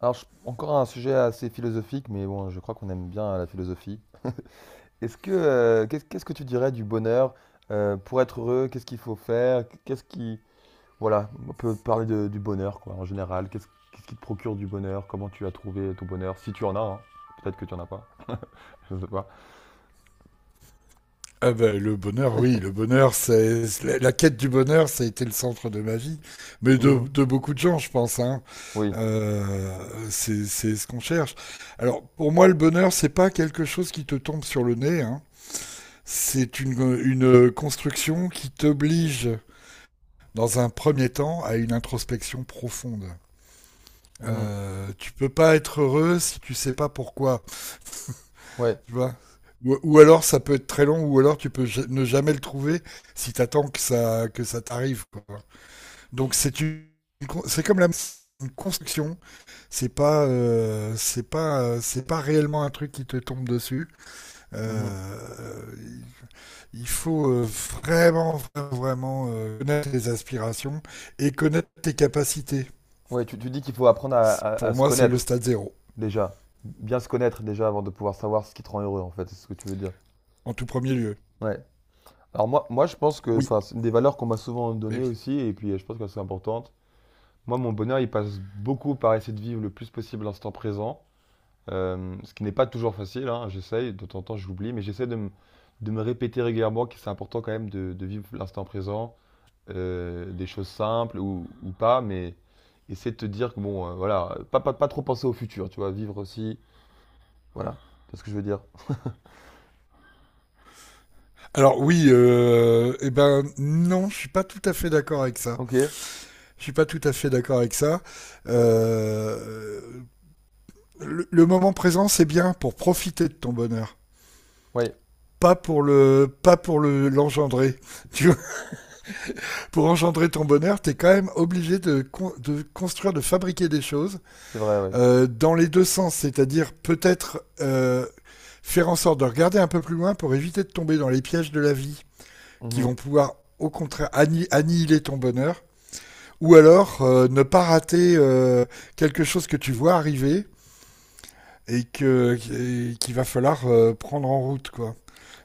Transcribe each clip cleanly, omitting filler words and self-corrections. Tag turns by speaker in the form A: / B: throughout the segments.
A: Alors, encore un sujet assez philosophique, mais bon, je crois qu'on aime bien la philosophie. Est-ce que, qu'est-ce que tu dirais du bonheur pour être heureux? Qu'est-ce qu'il faut faire? Qu'est-ce qui, voilà, on peut parler du bonheur, quoi, en général. Qu'est-ce qui te procure du bonheur? Comment tu as trouvé ton bonheur? Si tu en as, hein. Peut-être que tu en as pas. Je sais pas.
B: Ah ben, le bonheur, oui, le bonheur, c'est la quête du bonheur, ça a été le centre de ma vie, mais de,
A: Mhm.
B: de beaucoup de gens, je pense. Hein.
A: Oui.
B: Euh, c'est ce qu'on cherche. Alors, pour moi, le bonheur, c'est pas quelque chose qui te tombe sur le nez. Hein. C'est une construction qui t'oblige, dans un premier temps, à une introspection profonde.
A: Mhm.
B: Tu peux pas être heureux si tu sais pas pourquoi.
A: Ouais.
B: Tu vois, ou alors ça peut être très long, ou alors tu peux ne jamais le trouver si t'attends que ça t'arrive, quoi. Donc c'est une con- c'est comme la une construction, c'est pas réellement un truc qui te tombe dessus.
A: Mhm.
B: Euh, il faut vraiment, vraiment, vraiment, connaître tes aspirations et connaître tes capacités.
A: Ouais, tu dis qu'il faut apprendre à
B: Pour
A: se
B: moi, c'est le
A: connaître
B: stade zéro,
A: déjà, bien se connaître déjà avant de pouvoir savoir ce qui te rend heureux, en fait. C'est ce que tu veux dire.
B: en tout premier lieu.
A: Ouais. Alors moi je pense que
B: Oui,
A: enfin, c'est une des valeurs qu'on m'a souvent
B: mais
A: données
B: oui.
A: aussi, et puis je pense qu'elles sont importantes. Moi, mon bonheur, il passe beaucoup par essayer de vivre le plus possible l'instant présent, ce qui n'est pas toujours facile, hein, j'essaye, de temps en temps j'oublie, mais j'essaie de me répéter régulièrement que c'est important quand même de vivre l'instant présent, des choses simples ou pas, mais essayer de te dire que bon, voilà, pas trop penser au futur, tu vois, vivre aussi, voilà, c'est ce que je veux dire.
B: Alors oui, eh ben non, je suis pas tout à fait d'accord avec ça.
A: Ok,
B: Je suis pas tout à fait d'accord avec ça. Euh, le moment présent, c'est bien pour profiter de ton bonheur,
A: oui,
B: pas pour le, pas pour le l'engendrer. Tu vois, pour engendrer ton bonheur, t'es quand même obligé de construire, de fabriquer des choses
A: c'est vrai, oui.
B: dans les deux sens, c'est-à-dire peut-être, faire en sorte de regarder un peu plus loin pour éviter de tomber dans les pièges de la vie qui vont
A: Mhm.
B: pouvoir au contraire annihiler ton bonheur. Ou alors, ne pas rater quelque chose que tu vois arriver et qu'il va falloir, prendre en route, quoi.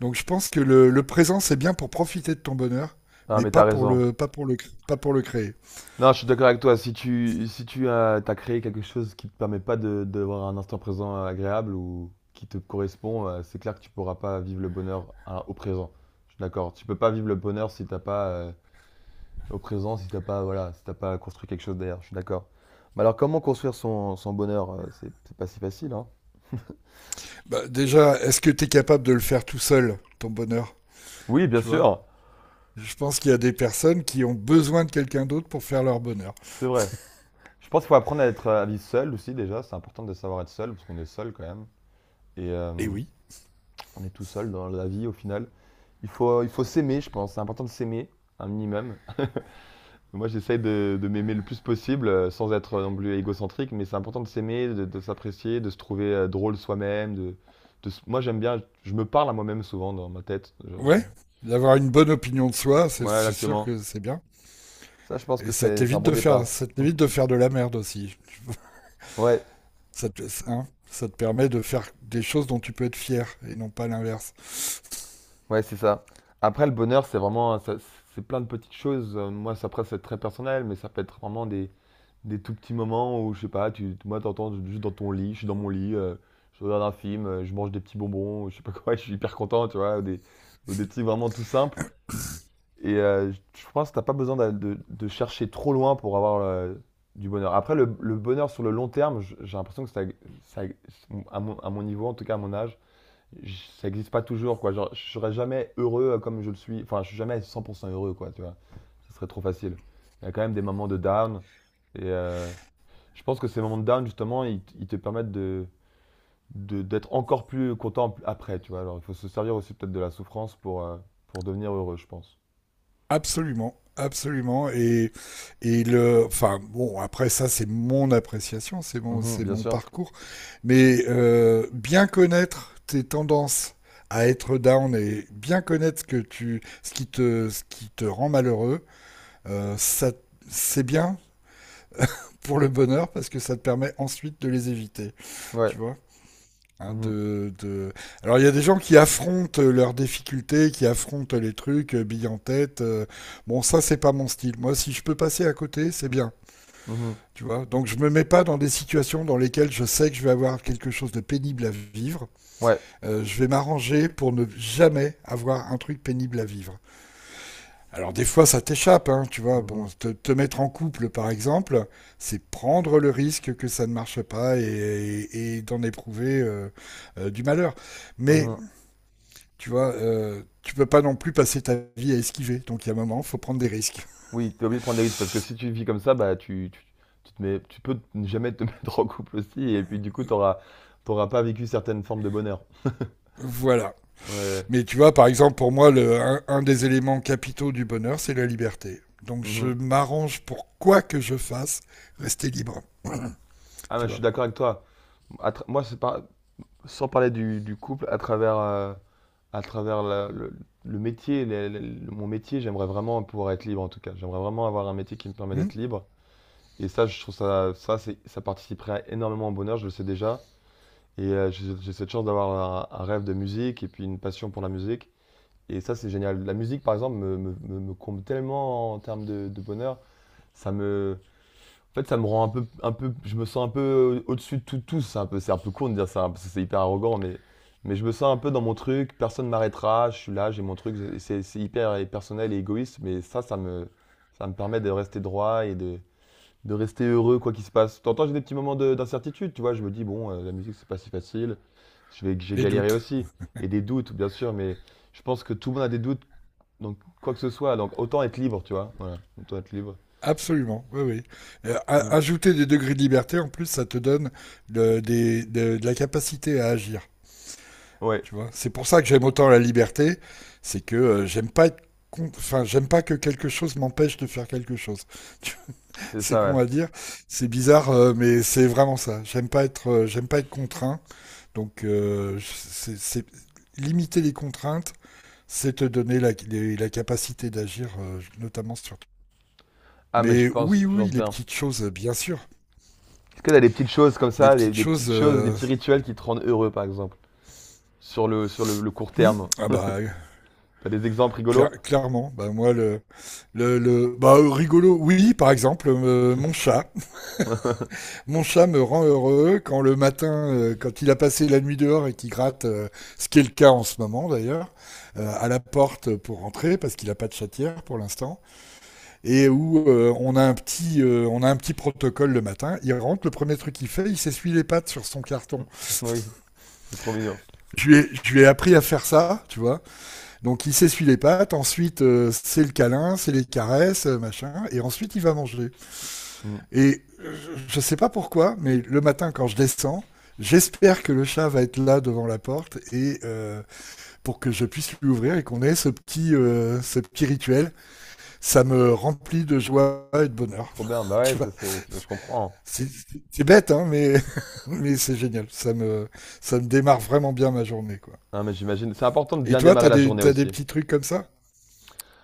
B: Donc je pense que le présent, c'est bien pour profiter de ton bonheur,
A: Ah,
B: mais
A: mais
B: pas
A: t'as
B: pour
A: raison.
B: le pas pour le cr- pas pour le créer.
A: Non, je suis d'accord avec toi. Si si tu as, t'as créé quelque chose qui ne te permet pas d'avoir un instant présent agréable ou qui te correspond, c'est clair que tu ne pourras pas vivre le bonheur au présent. Je suis d'accord. Tu peux pas vivre le bonheur si t'as pas au présent, si t'as pas voilà, si t'as pas construit quelque chose derrière. Je suis d'accord. Mais alors, comment construire son bonheur? C'est pas si facile, hein.
B: Bah, déjà, est-ce que tu es capable de le faire tout seul ton bonheur?
A: Oui, bien
B: Tu vois.
A: sûr,
B: Je pense qu'il y a des personnes qui ont besoin de quelqu'un d'autre pour faire leur bonheur.
A: c'est vrai. Je pense qu'il faut apprendre à être à vivre seul aussi déjà. C'est important de savoir être seul parce qu'on est seul quand même et
B: Et oui.
A: on est tout seul dans la vie au final. Il faut s'aimer, je pense. C'est important de s'aimer, un minimum. Moi, j'essaie de m'aimer le plus possible, sans être non plus égocentrique, mais c'est important de s'aimer, de s'apprécier, de se trouver drôle soi-même. Moi, j'aime bien, je me parle à moi-même souvent dans ma tête.
B: Ouais, d'avoir une bonne opinion de soi, c'est
A: Ouais,
B: c'est sûr
A: exactement.
B: que c'est bien.
A: Ça, je pense
B: Et
A: que
B: ça
A: c'est un
B: t'évite
A: bon
B: de
A: départ.
B: faire ça t'évite de faire de la merde aussi.
A: Ouais,
B: Ça te, hein, ça te permet de faire des choses dont tu peux être fier et non pas l'inverse.
A: ouais, c'est ça. Après, le bonheur, c'est plein de petites choses. Moi, ça, après, c'est très personnel, mais ça peut être vraiment des tout petits moments où, je sais pas, t'entends juste dans ton lit, je suis dans mon lit, je regarde un film, je mange des petits bonbons, je sais pas quoi, je suis hyper content, tu vois, ou des trucs vraiment tout simples. Et je pense que t'as pas besoin de chercher trop loin pour avoir du bonheur. Après, le bonheur sur le long terme, j'ai l'impression que ça- à à mon niveau, en tout cas à mon âge, ça n'existe pas toujours, quoi. Genre, je serais jamais heureux comme je le suis. Enfin, je suis jamais 100% heureux, quoi, tu vois. Ce serait trop facile. Il y a quand même des moments de down. Et, je pense que ces moments de down, justement, ils te permettent d'être encore plus content après, tu vois. Alors, il faut se servir aussi peut-être de la souffrance pour devenir heureux, je pense.
B: Absolument. Absolument. Et le, enfin, bon, après ça, c'est mon appréciation, c'est mon,
A: Mhm,
B: c'est
A: bien
B: mon
A: sûr.
B: parcours. Mais bien connaître tes tendances à être down et bien connaître ce que tu, ce qui te rend malheureux, ça, c'est bien pour le bonheur parce que ça te permet ensuite de les éviter,
A: Ouais.
B: tu vois. Hein,
A: Mhm,
B: Alors il y a des gens qui affrontent leurs difficultés, qui affrontent les trucs, billes en tête. Bon, ça c'est pas mon style. Moi, si je peux passer à côté, c'est bien.
A: mhm,
B: Tu vois, donc je me mets pas dans des situations dans lesquelles je sais que je vais avoir quelque chose de pénible à vivre.
A: Ouais.
B: Je vais m'arranger pour ne jamais avoir un truc pénible à vivre. Alors des fois ça t'échappe, hein, tu vois. Bon,
A: Mhm,
B: te mettre en couple, par exemple, c'est prendre le risque que ça ne marche pas, et d'en éprouver, du malheur. Mais
A: mhm.
B: tu vois, tu peux pas non plus passer ta vie à esquiver. Donc, il y a un moment, il faut prendre des risques.
A: Oui, t'es obligé de prendre des risques parce que si tu vis comme ça, tu te mets, tu peux ne jamais te mettre en couple aussi et puis du coup, t'auras pas vécu certaines formes de bonheur.
B: Voilà.
A: Ouais, ouais.
B: Mais tu vois, par exemple, pour moi, un des éléments capitaux du bonheur, c'est la liberté. Donc, je
A: Mhm.
B: m'arrange pour, quoi que je fasse, rester libre.
A: Ah,
B: Tu
A: mais je suis
B: vois.
A: d'accord avec toi. Moi, c'est pas, sans parler du couple, à travers le métier, les- le- mon métier, j'aimerais vraiment pouvoir être libre en tout cas. J'aimerais vraiment avoir un métier qui me permet
B: Hum.
A: d'être libre. Et ça, je trouve ça participerait énormément au bonheur, je le sais déjà. Et j'ai cette chance un rêve de musique et puis une passion pour la musique. Et ça, c'est génial. La musique, par exemple, me comble tellement en termes de bonheur. Ça me, en fait, ça me rend un peu, je me sens un peu au-dessus de tout, tous. C'est un peu con de dire ça hein, parce que c'est hyper arrogant, mais je me sens un peu dans mon truc. Personne ne m'arrêtera. Je suis là, j'ai mon truc. C'est hyper personnel et égoïste, ça me permet de rester droit et de rester heureux quoi qu'il se passe. T'entends, j'ai des petits moments d'incertitude. Tu vois, je me dis bon, la musique, c'est pas si facile. J'ai
B: Les
A: galéré
B: doutes.
A: aussi et des doutes, bien sûr, mais je pense que tout le monde a des doutes. Donc quoi que ce soit, donc autant être libre, tu vois. Voilà, autant être libre.
B: Absolument, oui, oui.
A: Mm.
B: Ajouter des degrés de liberté, en plus, ça te donne de la capacité à agir.
A: Ouais,
B: Tu vois, c'est pour ça que j'aime autant la liberté, c'est que, j'aime pas être enfin, j'aime pas que quelque chose m'empêche de faire quelque chose. Tu vois,
A: c'est
B: c'est
A: ça.
B: con
A: Ouais.
B: à dire, c'est bizarre, mais c'est vraiment ça. J'aime pas être contraint. Donc, limiter les contraintes, c'est te donner la capacité d'agir, notamment sur.
A: Ah, mais
B: Mais oui,
A: je
B: oui,
A: pense
B: les
A: bien.
B: petites choses, bien sûr.
A: Est-ce que t'as des petites choses comme
B: Les
A: ça,
B: petites
A: des
B: choses.
A: petites choses, des petits rituels qui te rendent heureux, par exemple, sur le court
B: Hum,
A: terme?
B: ah bah,
A: T'as des exemples rigolos?
B: Clairement, bah moi le rigolo, oui, par exemple, mon chat, mon chat me rend heureux quand le matin, quand il a passé la nuit dehors et qu'il gratte, ce qui est le cas en ce moment d'ailleurs, à la porte pour rentrer parce qu'il n'a pas de chatière pour l'instant, et où on a un petit on a un petit protocole le matin, il rentre, le premier truc qu'il fait, il s'essuie les pattes sur son carton.
A: Oui, c'est trop mignon.
B: Je lui ai appris à faire ça, tu vois. Donc il s'essuie les pattes, ensuite, c'est le câlin, c'est les caresses, machin, et ensuite il va manger.
A: Mm.
B: Et je sais pas pourquoi, mais le matin quand je descends, j'espère que le chat va être là devant la porte et, pour que je puisse lui ouvrir et qu'on ait ce petit rituel. Ça me remplit de joie et de
A: C'est
B: bonheur.
A: trop bien. Bah ouais,
B: Tu vois,
A: je comprends.
B: c'est c'est bête, hein, mais mais c'est génial. Ça me démarre vraiment bien ma journée, quoi.
A: Non, mais j'imagine. C'est important de
B: Et
A: bien
B: toi,
A: démarrer
B: t'as
A: la
B: des
A: journée
B: t'as des
A: aussi.
B: petits trucs comme ça?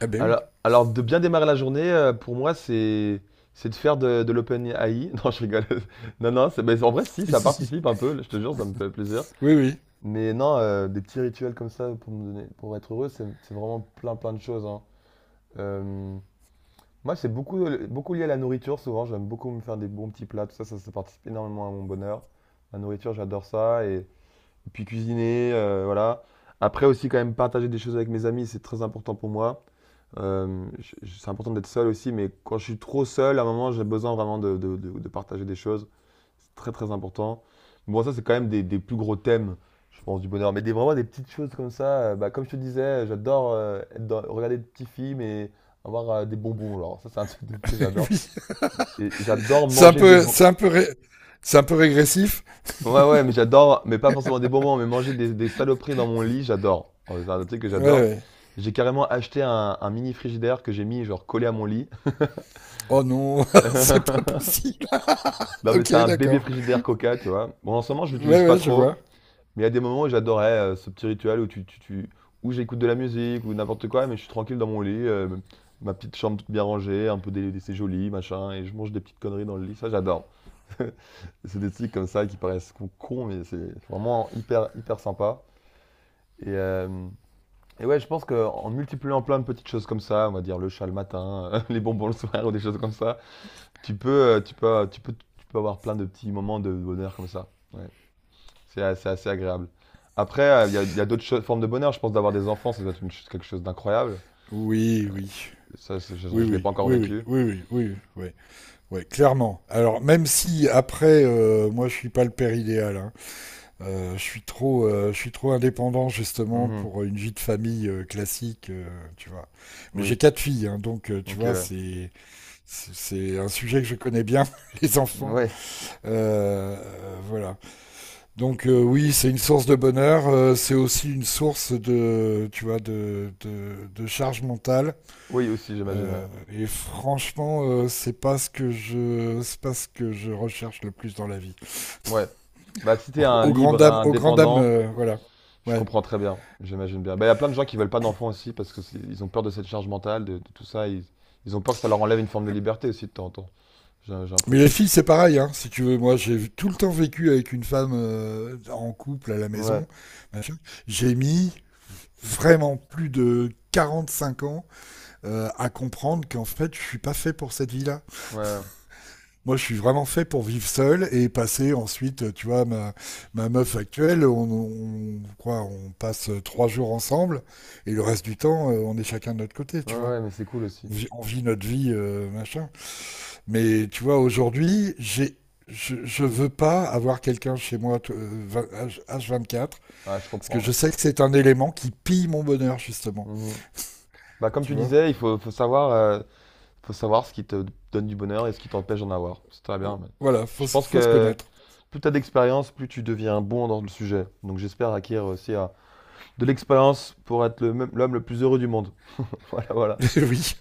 B: Ah ben
A: Alors,
B: oui.
A: alors de bien démarrer la journée, pour moi, c'est de faire de l'open AI. Non, je rigole. Non, non, c'est, mais en vrai, si, ça participe un peu, je te jure, ça me fait plaisir.
B: Oui, oui,
A: Mais non, des petits rituels comme ça pour me donner, pour être heureux, c'est vraiment plein de choses, hein. Euh, moi, c'est beaucoup lié à la nourriture, souvent. J'aime beaucoup me faire des bons petits plats, ça participe énormément à mon bonheur. La nourriture, j'adore ça. Et puis cuisiner, voilà. Après aussi, quand même, partager des choses avec mes amis, c'est très important pour moi. C'est important d'être seul aussi, mais quand je suis trop seul, à un moment, j'ai besoin vraiment de partager des choses. C'est très très important. Bon, ça, c'est quand même des plus gros thèmes, je pense, du bonheur. Mais des, vraiment des petites choses comme ça. Euh, bah, comme je te disais, j'adore regarder des petits films et avoir des bonbons. Genre, ça, c'est un truc de fou, que j'adore.
B: oui.
A: Et j'adore
B: C'est un
A: manger des
B: peu,
A: bonbons.
B: c'est un peu, ré- c'est un peu régressif.
A: Ouais, ouais, mais j'adore, mais pas forcément des bonbons, mais manger des saloperies dans mon lit, j'adore. C'est un truc que
B: Ouais,
A: j'adore.
B: ouais.
A: J'ai carrément acheté un mini frigidaire que j'ai mis, genre, collé à mon lit.
B: Oh non, c'est pas possible.
A: Non, mais
B: Ok,
A: c'est un bébé
B: d'accord.
A: frigidaire Coca, tu vois. Bon, en ce moment, je l'utilise
B: Ouais,
A: pas
B: ouais, je vois.
A: trop. Mais il y a des moments où j'adorais, ce petit rituel où tu où j'écoute de la musique ou n'importe quoi, mais je suis tranquille dans mon lit, ma petite chambre toute bien rangée, un peu dé c'est joli, machin et je mange des petites conneries dans le lit, ça j'adore. C'est des trucs comme ça qui paraissent cons, mais c'est vraiment hyper sympa et hem et ouais, je pense qu'en multipliant plein de petites choses comme ça, on va dire le chat le matin, les bonbons le soir ou des choses comme ça, tu peux, tu peux avoir plein de petits moments de bonheur comme ça, ouais. Assez agréable. Après, il y a d'autres formes de bonheur. Je pense d'avoir des enfants, ça doit être quelque chose d'incroyable.
B: Oui, oui.
A: Ça, je
B: Oui,
A: ne l'ai pas
B: oui,
A: encore
B: oui, oui,
A: vécu.
B: oui, oui, oui, oui, ouais, clairement. Alors, même si après, moi, je suis pas le père idéal, hein. Je suis trop, indépendant, justement,
A: Mhm.
B: pour une vie de famille, classique, tu vois. Mais j'ai
A: Oui.
B: quatre filles, hein, donc tu
A: Ok,
B: vois,
A: ouais.
B: c'est un sujet que je connais bien, les enfants.
A: Ouais.
B: Voilà. Donc, oui, c'est une source de bonheur, c'est aussi une source de, tu vois, de charge mentale.
A: Oui, aussi, j'imagine. Ouais.
B: Et franchement, c'est pas ce que je, c'est pas ce que je recherche le plus dans la vie.
A: Ouais. Bah, si t'es
B: Au,
A: un
B: au grand
A: libre
B: dam, au grand dam,
A: indépendant,
B: voilà.
A: je
B: Ouais.
A: comprends très bien. J'imagine bien. Bah, il y a plein de gens qui veulent pas d'enfants aussi parce que ils ont peur de cette charge mentale, de tout ça. Ils ont peur que ça leur enlève une forme de liberté aussi de temps en temps. J'ai
B: Mais les
A: l'impression.
B: filles, c'est pareil, hein, si tu veux. Moi, j'ai tout le temps vécu avec une femme, en couple à la
A: Ouais.
B: maison. Machin. J'ai mis vraiment plus de 45 ans, à comprendre qu'en fait, je suis pas fait pour cette vie-là.
A: Ouais.
B: Moi, je suis vraiment fait pour vivre seul et passer ensuite, tu vois, ma meuf actuelle, quoi, on passe 3 jours ensemble et le reste du temps, on est chacun de notre côté,
A: Ouais,
B: tu vois.
A: ouais, mais c'est cool aussi.
B: On vit notre vie, machin. Mais tu vois, aujourd'hui, je veux pas avoir quelqu'un chez moi H24
A: Ah, je
B: parce que
A: comprends. Ouais.
B: je sais que c'est un élément qui pille mon bonheur, justement,
A: Mhm. Bah, comme
B: tu
A: tu
B: vois.
A: disais, faut savoir faut savoir ce qui te donne du bonheur et ce qui t'empêche d'en avoir. C'est très bien.
B: Oh,
A: Mais
B: voilà, faut,
A: je
B: se-
A: pense
B: faut se
A: que
B: connaître.
A: plus tu as d'expérience, plus tu deviens bon dans le sujet. Donc j'espère acquérir aussi de l'expérience pour être l'homme le plus heureux du monde. Voilà, voilà.
B: Oui.